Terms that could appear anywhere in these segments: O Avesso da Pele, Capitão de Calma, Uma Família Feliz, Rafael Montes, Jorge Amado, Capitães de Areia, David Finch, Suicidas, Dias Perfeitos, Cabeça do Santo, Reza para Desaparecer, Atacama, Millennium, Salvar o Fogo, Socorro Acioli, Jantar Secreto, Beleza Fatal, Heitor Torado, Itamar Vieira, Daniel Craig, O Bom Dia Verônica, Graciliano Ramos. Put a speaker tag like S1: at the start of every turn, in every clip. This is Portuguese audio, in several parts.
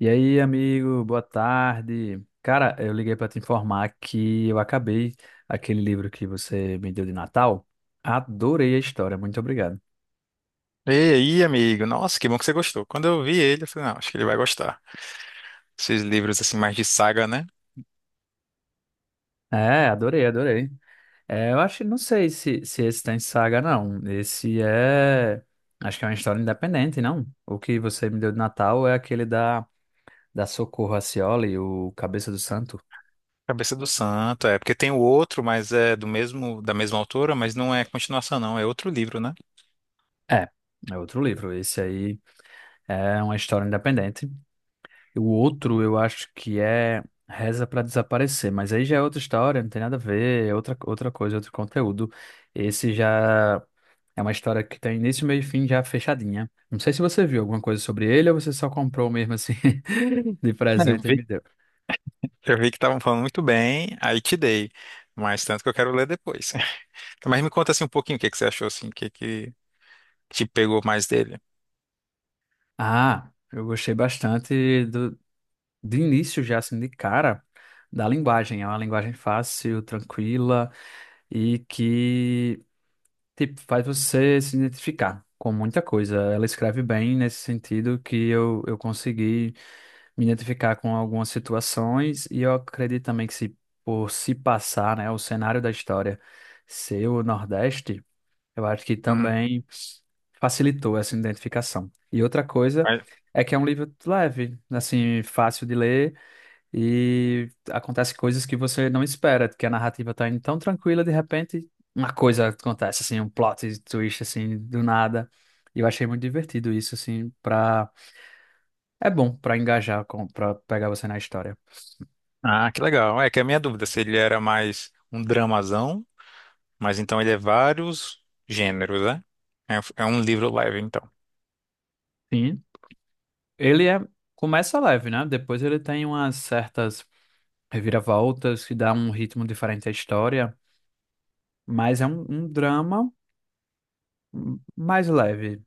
S1: E aí, amigo, boa tarde. Cara, eu liguei para te informar que eu acabei aquele livro que você me deu de Natal. Adorei a história, muito obrigado.
S2: E aí, amigo? Nossa, que bom que você gostou. Quando eu vi ele, eu falei, não, acho que ele vai gostar. Esses livros, assim, mais de saga, né?
S1: É, adorei, adorei. É, eu acho, não sei se esse tem saga, não. Acho que é uma história independente, não? O que você me deu de Natal é aquele da Socorro Acioli, o Cabeça do Santo.
S2: Cabeça do Santo, é. Porque tem o outro, mas é do mesmo, da mesma autora, mas não é continuação, não. É outro livro, né?
S1: É, é outro livro. Esse aí é uma história independente. O outro eu acho que é Reza para Desaparecer, mas aí já é outra história, não tem nada a ver, é outra, outra coisa, outro conteúdo. Esse já é uma história que tem início, meio e fim já fechadinha. Não sei se você viu alguma coisa sobre ele ou você só comprou mesmo assim de
S2: É, eu
S1: presente e
S2: vi.
S1: me deu.
S2: Eu vi que estavam falando muito bem, aí te dei. Mas tanto que eu quero ler depois. Mas me conta, assim, um pouquinho o que você achou, assim, o que te pegou mais dele.
S1: Ah, eu gostei de início já assim de cara da linguagem. É uma linguagem fácil, tranquila e que Tipo, faz você se identificar com muita coisa. Ela escreve bem nesse sentido que eu consegui me identificar com algumas situações e eu acredito também que se por se passar, né, o cenário da história ser o Nordeste, eu acho que
S2: Hum.
S1: também facilitou essa identificação. E outra coisa
S2: mas-
S1: é que é um livro leve, assim, fácil de ler e acontece coisas que você não espera, que a narrativa tá indo tão tranquila, de repente uma coisa acontece, assim, um plot twist, assim, do nada. E eu achei muito divertido isso, assim, pra... É bom pra engajar, pra pegar você na história.
S2: Ah, que legal. É que a minha dúvida, se ele era mais um dramazão. Mas então ele é vários gêneros, né? É, é um livro leve, então.
S1: Sim, ele é... começa leve, né? Depois ele tem umas certas reviravoltas que dá um ritmo diferente à história, mas é um drama mais leve.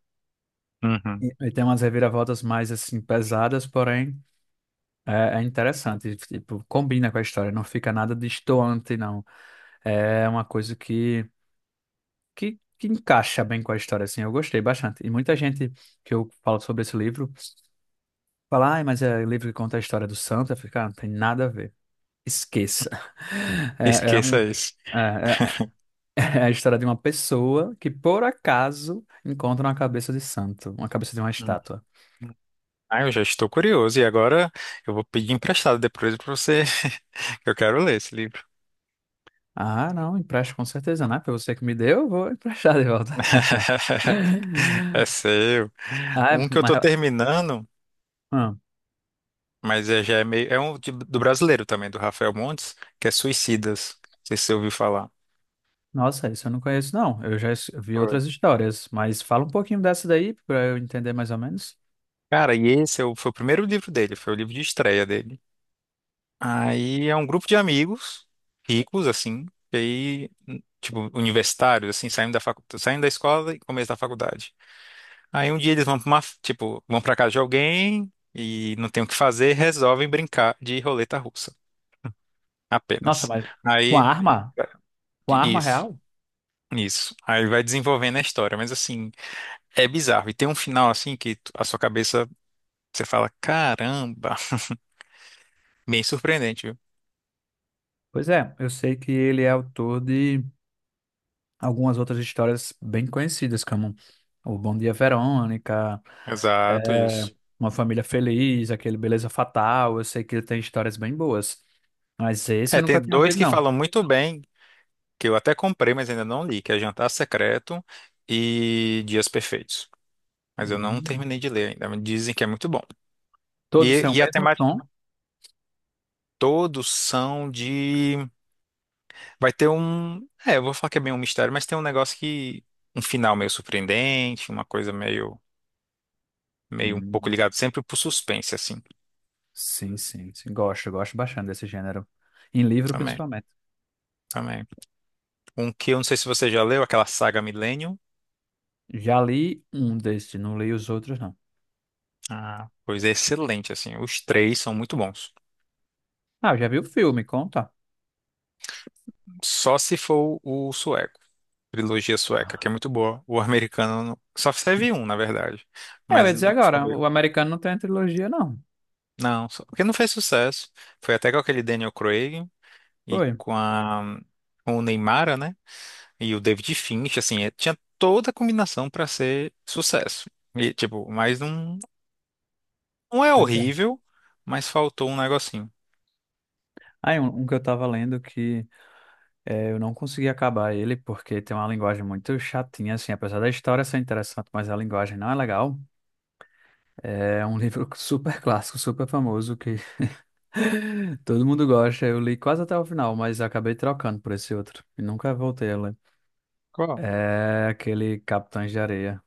S2: Uhum.
S1: E tem umas reviravoltas mais, assim, pesadas, porém é, é interessante, tipo, combina com a história, não fica nada destoante, não. É uma coisa que encaixa bem com a história, assim, eu gostei bastante. E muita gente que eu falo sobre esse livro fala, ai, mas é livro que conta a história do santo, eu fico, "Ah, não tem nada a ver. Esqueça." É, é, um-
S2: Esqueça isso.
S1: é- É a história de uma pessoa que, por acaso, encontra uma cabeça de santo, uma cabeça de uma
S2: Uhum.
S1: estátua.
S2: Ah, eu já estou curioso. E agora eu vou pedir emprestado depois para você. que Eu quero ler esse livro.
S1: Ah, não, empresto com certeza, né? Foi você que me deu, eu vou emprestar de volta.
S2: É seu.
S1: Ah, é,
S2: Um que eu
S1: mas
S2: estou terminando,
S1: ah,
S2: mas é, já é meio. É do brasileiro também, do Rafael Montes, que é Suicidas. Não sei se você ouviu falar.
S1: nossa, isso eu não conheço, não. Vi
S2: Foi.
S1: outras histórias, mas fala um pouquinho dessa daí para eu entender mais ou menos.
S2: Cara, e foi o primeiro livro dele, foi o livro de estreia dele. Aí é um grupo de amigos ricos, assim, e aí, tipo, universitários, assim, saindo da escola e começo da faculdade. Aí um dia eles vão tipo, vão pra casa de alguém e não tem o que fazer, resolvem brincar de roleta russa,
S1: Nossa,
S2: apenas.
S1: mas com a
S2: Aí,
S1: arma?
S2: é,
S1: Com a arma
S2: isso,
S1: real?
S2: isso. Aí vai desenvolvendo a história, mas assim, é bizarro. E tem um final, assim, a sua cabeça, você fala, caramba, bem surpreendente, viu?
S1: Pois é, eu sei que ele é autor de algumas outras histórias bem conhecidas, como O Bom Dia Verônica,
S2: Exato,
S1: é,
S2: isso.
S1: Uma Família Feliz, aquele Beleza Fatal. Eu sei que ele tem histórias bem boas, mas esse eu
S2: É,
S1: nunca
S2: tem
S1: tinha
S2: dois
S1: ouvido,
S2: que
S1: não.
S2: falam muito bem que eu até comprei, mas ainda não li, que é Jantar Secreto e Dias Perfeitos. Mas eu não
S1: Hum.
S2: terminei de ler ainda, mas dizem que é muito bom.
S1: Todos
S2: E,
S1: têm o
S2: e a
S1: mesmo
S2: temática
S1: tom?
S2: todos são de... Vai ter um... É, eu vou falar que é bem um mistério, mas tem um negócio que... Um final meio surpreendente, uma coisa meio... Meio um pouco
S1: Hum.
S2: ligado sempre pro suspense, assim.
S1: Sim, sim, sim. Gosto, gosto bastante desse gênero. Em livro,
S2: Também,
S1: principalmente.
S2: também. Um que eu não sei se você já leu, aquela saga Millennium.
S1: Já li um desse, não li os outros, não.
S2: Ah, pois é excelente, assim. Os três são muito bons.
S1: Ah, já vi o filme, conta.
S2: Só se for o sueco. Trilogia sueca, que é muito boa. O americano não- só teve um, na verdade.
S1: É, eu ia
S2: Mas
S1: dizer
S2: não ficou
S1: agora,
S2: meio.
S1: o americano não tem a trilogia, não.
S2: Não, porque não fez sucesso. Foi até com aquele Daniel Craig e
S1: Foi.
S2: com o Neymar, né? E o David Finch, assim, tinha toda a combinação para ser sucesso. E, tipo, mas não, não é
S1: Pois é.
S2: horrível, mas faltou um negocinho.
S1: Aí, um que eu tava lendo que é, eu não consegui acabar ele, porque tem uma linguagem muito chatinha, assim, apesar da história ser interessante, mas a linguagem não é legal. É um livro super clássico, super famoso, que todo mundo gosta. Eu li quase até o final, mas acabei trocando por esse outro. E nunca voltei a ler.
S2: Qual?
S1: É aquele Capitães de Areia.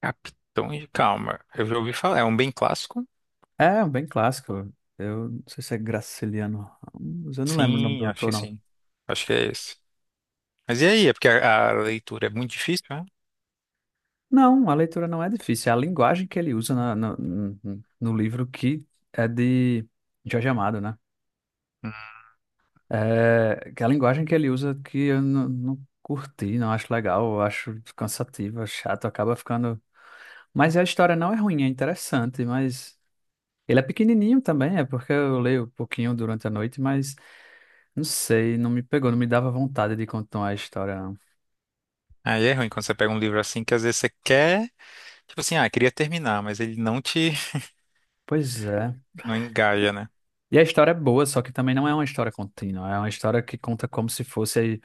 S2: Capitão de Calma. Eu já ouvi falar. É um bem clássico?
S1: É, bem clássico. Eu não sei se é Graciliano Ramos, eu não lembro o nome do autor, não.
S2: Sim. Acho que é esse. Mas e aí? É porque a leitura é muito difícil, né?
S1: Não, a leitura não é difícil. É a linguagem que ele usa no livro que é de Jorge Amado, né?
S2: Hum.
S1: É, que é a linguagem que ele usa que eu não curti, não acho legal, eu acho cansativa, chato, acaba ficando. Mas a história não é ruim, é interessante, mas ele é pequenininho também, é porque eu leio um pouquinho durante a noite, mas. Não sei, não me pegou, não me dava vontade de continuar a história, não.
S2: Aí é ruim quando você pega um livro assim que às vezes você quer, tipo assim, ah, queria terminar, mas ele não te,
S1: Pois é.
S2: não engaja, né?
S1: E a história é boa, só que também não é uma história contínua. É uma história que conta como se fosse aí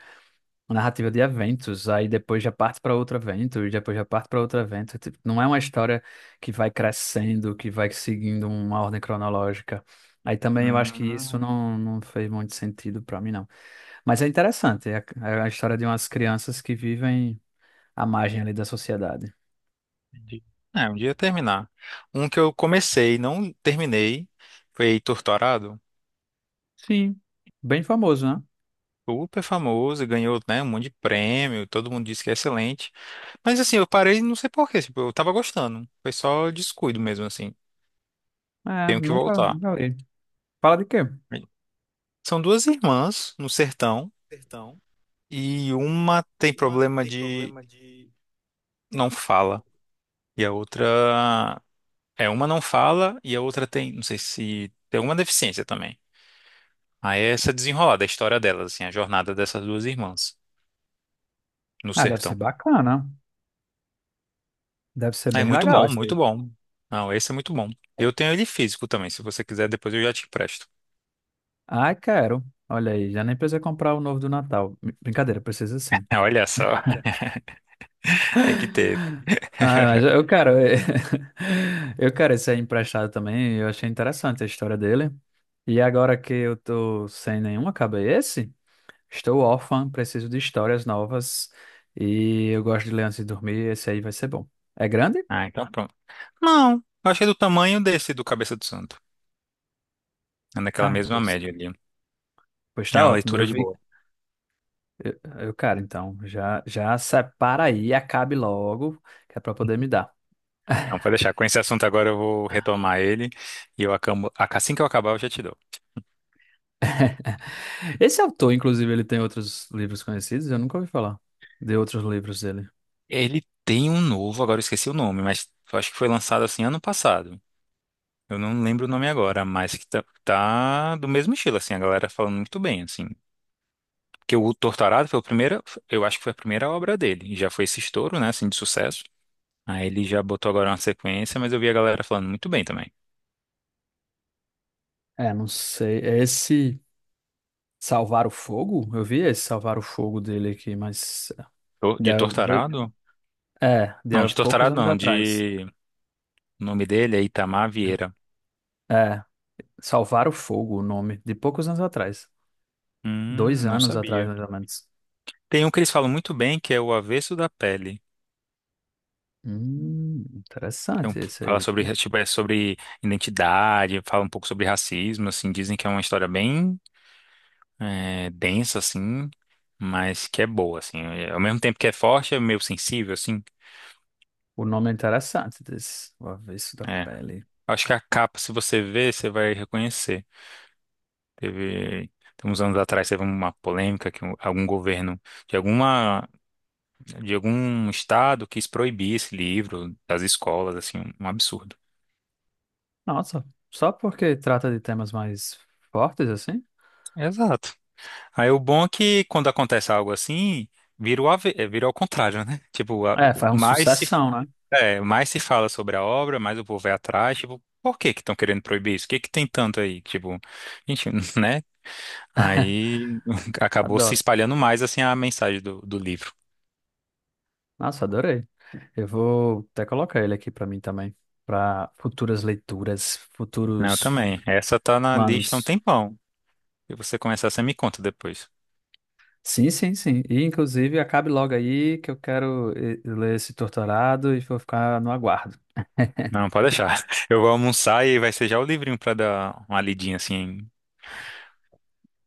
S1: uma narrativa de eventos. Aí depois já parte para outro evento, e depois já parte para outro evento. Tipo, não é uma história que vai crescendo, que vai seguindo uma ordem cronológica. Aí também eu acho que isso
S2: Hum,
S1: não fez muito sentido para mim, não. Mas é interessante. É a história de umas crianças que vivem à margem ali da sociedade.
S2: entendi. É, um dia terminar. Um que eu comecei, e não terminei, foi Heitor Torado.
S1: Sim, bem famoso, né?
S2: Super famoso, ganhou, né, um monte de prêmio, todo mundo disse que é excelente. Mas assim, eu parei, não sei por quê, tipo, eu tava gostando. Foi só descuido mesmo, assim.
S1: É,
S2: Tenho que
S1: nunca,
S2: voltar.
S1: nunca li. Fala de quê?
S2: São duas irmãs no sertão. E uma tem problema de não fala. E a outra. É, uma não fala e a outra tem. Não sei se. Tem alguma deficiência também. Aí é essa desenrolada, a história delas, assim, a jornada dessas duas irmãs no
S1: Ah, deve ser
S2: sertão.
S1: bacana. Deve ser
S2: É
S1: bem
S2: muito
S1: legal
S2: bom,
S1: esse aí.
S2: muito bom. Não, esse é muito bom. Eu tenho ele físico também, se você quiser, depois eu já te empresto.
S1: Ai, quero. Olha aí, já nem precisa comprar o novo do Natal. Brincadeira, precisa sim.
S2: Olha só, tem que ter.
S1: Ah, mas eu quero. Eu quero esse aí emprestado também. Eu achei interessante a história dele. E agora que eu tô sem nenhuma cabeça, estou órfã, preciso de histórias novas. E eu gosto de ler antes de dormir. Esse aí vai ser bom. É grande?
S2: Ah, então pronto. Não, eu achei do tamanho desse do Cabeça do Santo. É naquela
S1: Ah,
S2: mesma média ali.
S1: pois
S2: É
S1: tá
S2: uma
S1: ótimo. Eu
S2: leitura de
S1: vi
S2: boa.
S1: Eu, cara, então, já separa aí, e acabe logo, que é pra poder me dar.
S2: Não, pode deixar. Com esse assunto agora eu vou retomar ele e eu acabo, assim que eu acabar eu já te dou.
S1: Esse autor, inclusive, ele tem outros livros conhecidos, eu nunca ouvi falar de outros livros dele.
S2: Ele tem um novo, agora eu esqueci o nome, mas eu acho que foi lançado assim ano passado. Eu não lembro o nome agora, mas que tá do mesmo estilo, assim, a galera falando muito bem, assim. Porque o Torturado foi o primeiro, eu acho que foi a primeira obra dele. Já foi esse estouro, né, assim, de sucesso. Aí ele já botou agora uma sequência, mas eu vi a galera falando muito bem também.
S1: É, não sei. Esse Salvar o Fogo, eu vi esse Salvar o Fogo dele aqui, mas. De,
S2: De
S1: há dois-
S2: Torturado?
S1: é, de
S2: Não,
S1: há
S2: de
S1: poucos
S2: Torturado
S1: anos
S2: não,
S1: atrás.
S2: de... O nome dele é Itamar Vieira.
S1: É, Salvar o Fogo, o nome, de poucos anos atrás. Dois
S2: Não
S1: anos atrás,
S2: sabia.
S1: mais ou menos.
S2: Tem um que eles falam muito bem, que é O Avesso da Pele. Então,
S1: Interessante esse
S2: fala
S1: aí.
S2: sobre, tipo, é sobre identidade, fala um pouco sobre racismo, assim, dizem que é uma história bem é, densa, assim, mas que é boa, assim. É, ao mesmo tempo que é forte, é meio sensível, assim.
S1: O nome é interessante desse. O Avesso da
S2: É.
S1: Pele.
S2: Acho que a capa, se você ver, você vai reconhecer. Teve, tem uns anos atrás, teve uma polêmica que algum governo de alguma, de algum estado quis proibir esse livro das escolas, assim, um absurdo.
S1: Nossa, só porque trata de temas mais fortes assim?
S2: Exato. Aí o bom é que quando acontece algo assim, vira o, ave- é, vira ao contrário, né?
S1: É, faz um
S2: Mais se,
S1: sucessão, né?
S2: é, mais se fala sobre a obra, mais o povo vai atrás. Tipo, por que que estão querendo proibir isso? O que que tem tanto aí? Tipo, gente, né? Aí acabou se
S1: Adoro.
S2: espalhando mais assim a mensagem do livro.
S1: Nossa, adorei. Eu vou até colocar ele aqui pra mim também, pra futuras leituras,
S2: Não, eu
S1: futuros
S2: também. Essa tá na lista há um
S1: planos.
S2: tempão. Se você começar, você me conta depois.
S1: Sim, sim, sim. E inclusive acabe logo aí que eu quero ler esse torturado e vou ficar no aguardo.
S2: Não, pode deixar. Eu vou almoçar e vai ser já o livrinho pra dar uma lidinha assim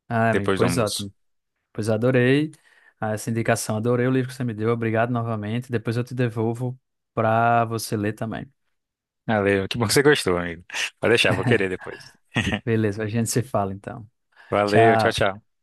S1: Ah, amigo,
S2: depois do
S1: pois
S2: almoço.
S1: ótimo. Pois adorei essa indicação, adorei o livro que você me deu. Obrigado novamente. Depois eu te devolvo pra você ler também.
S2: Valeu, que bom que você gostou, amigo. Pode deixar, vou querer depois.
S1: Beleza, a gente se fala então.
S2: Valeu, tchau,
S1: Tchau.
S2: tchau.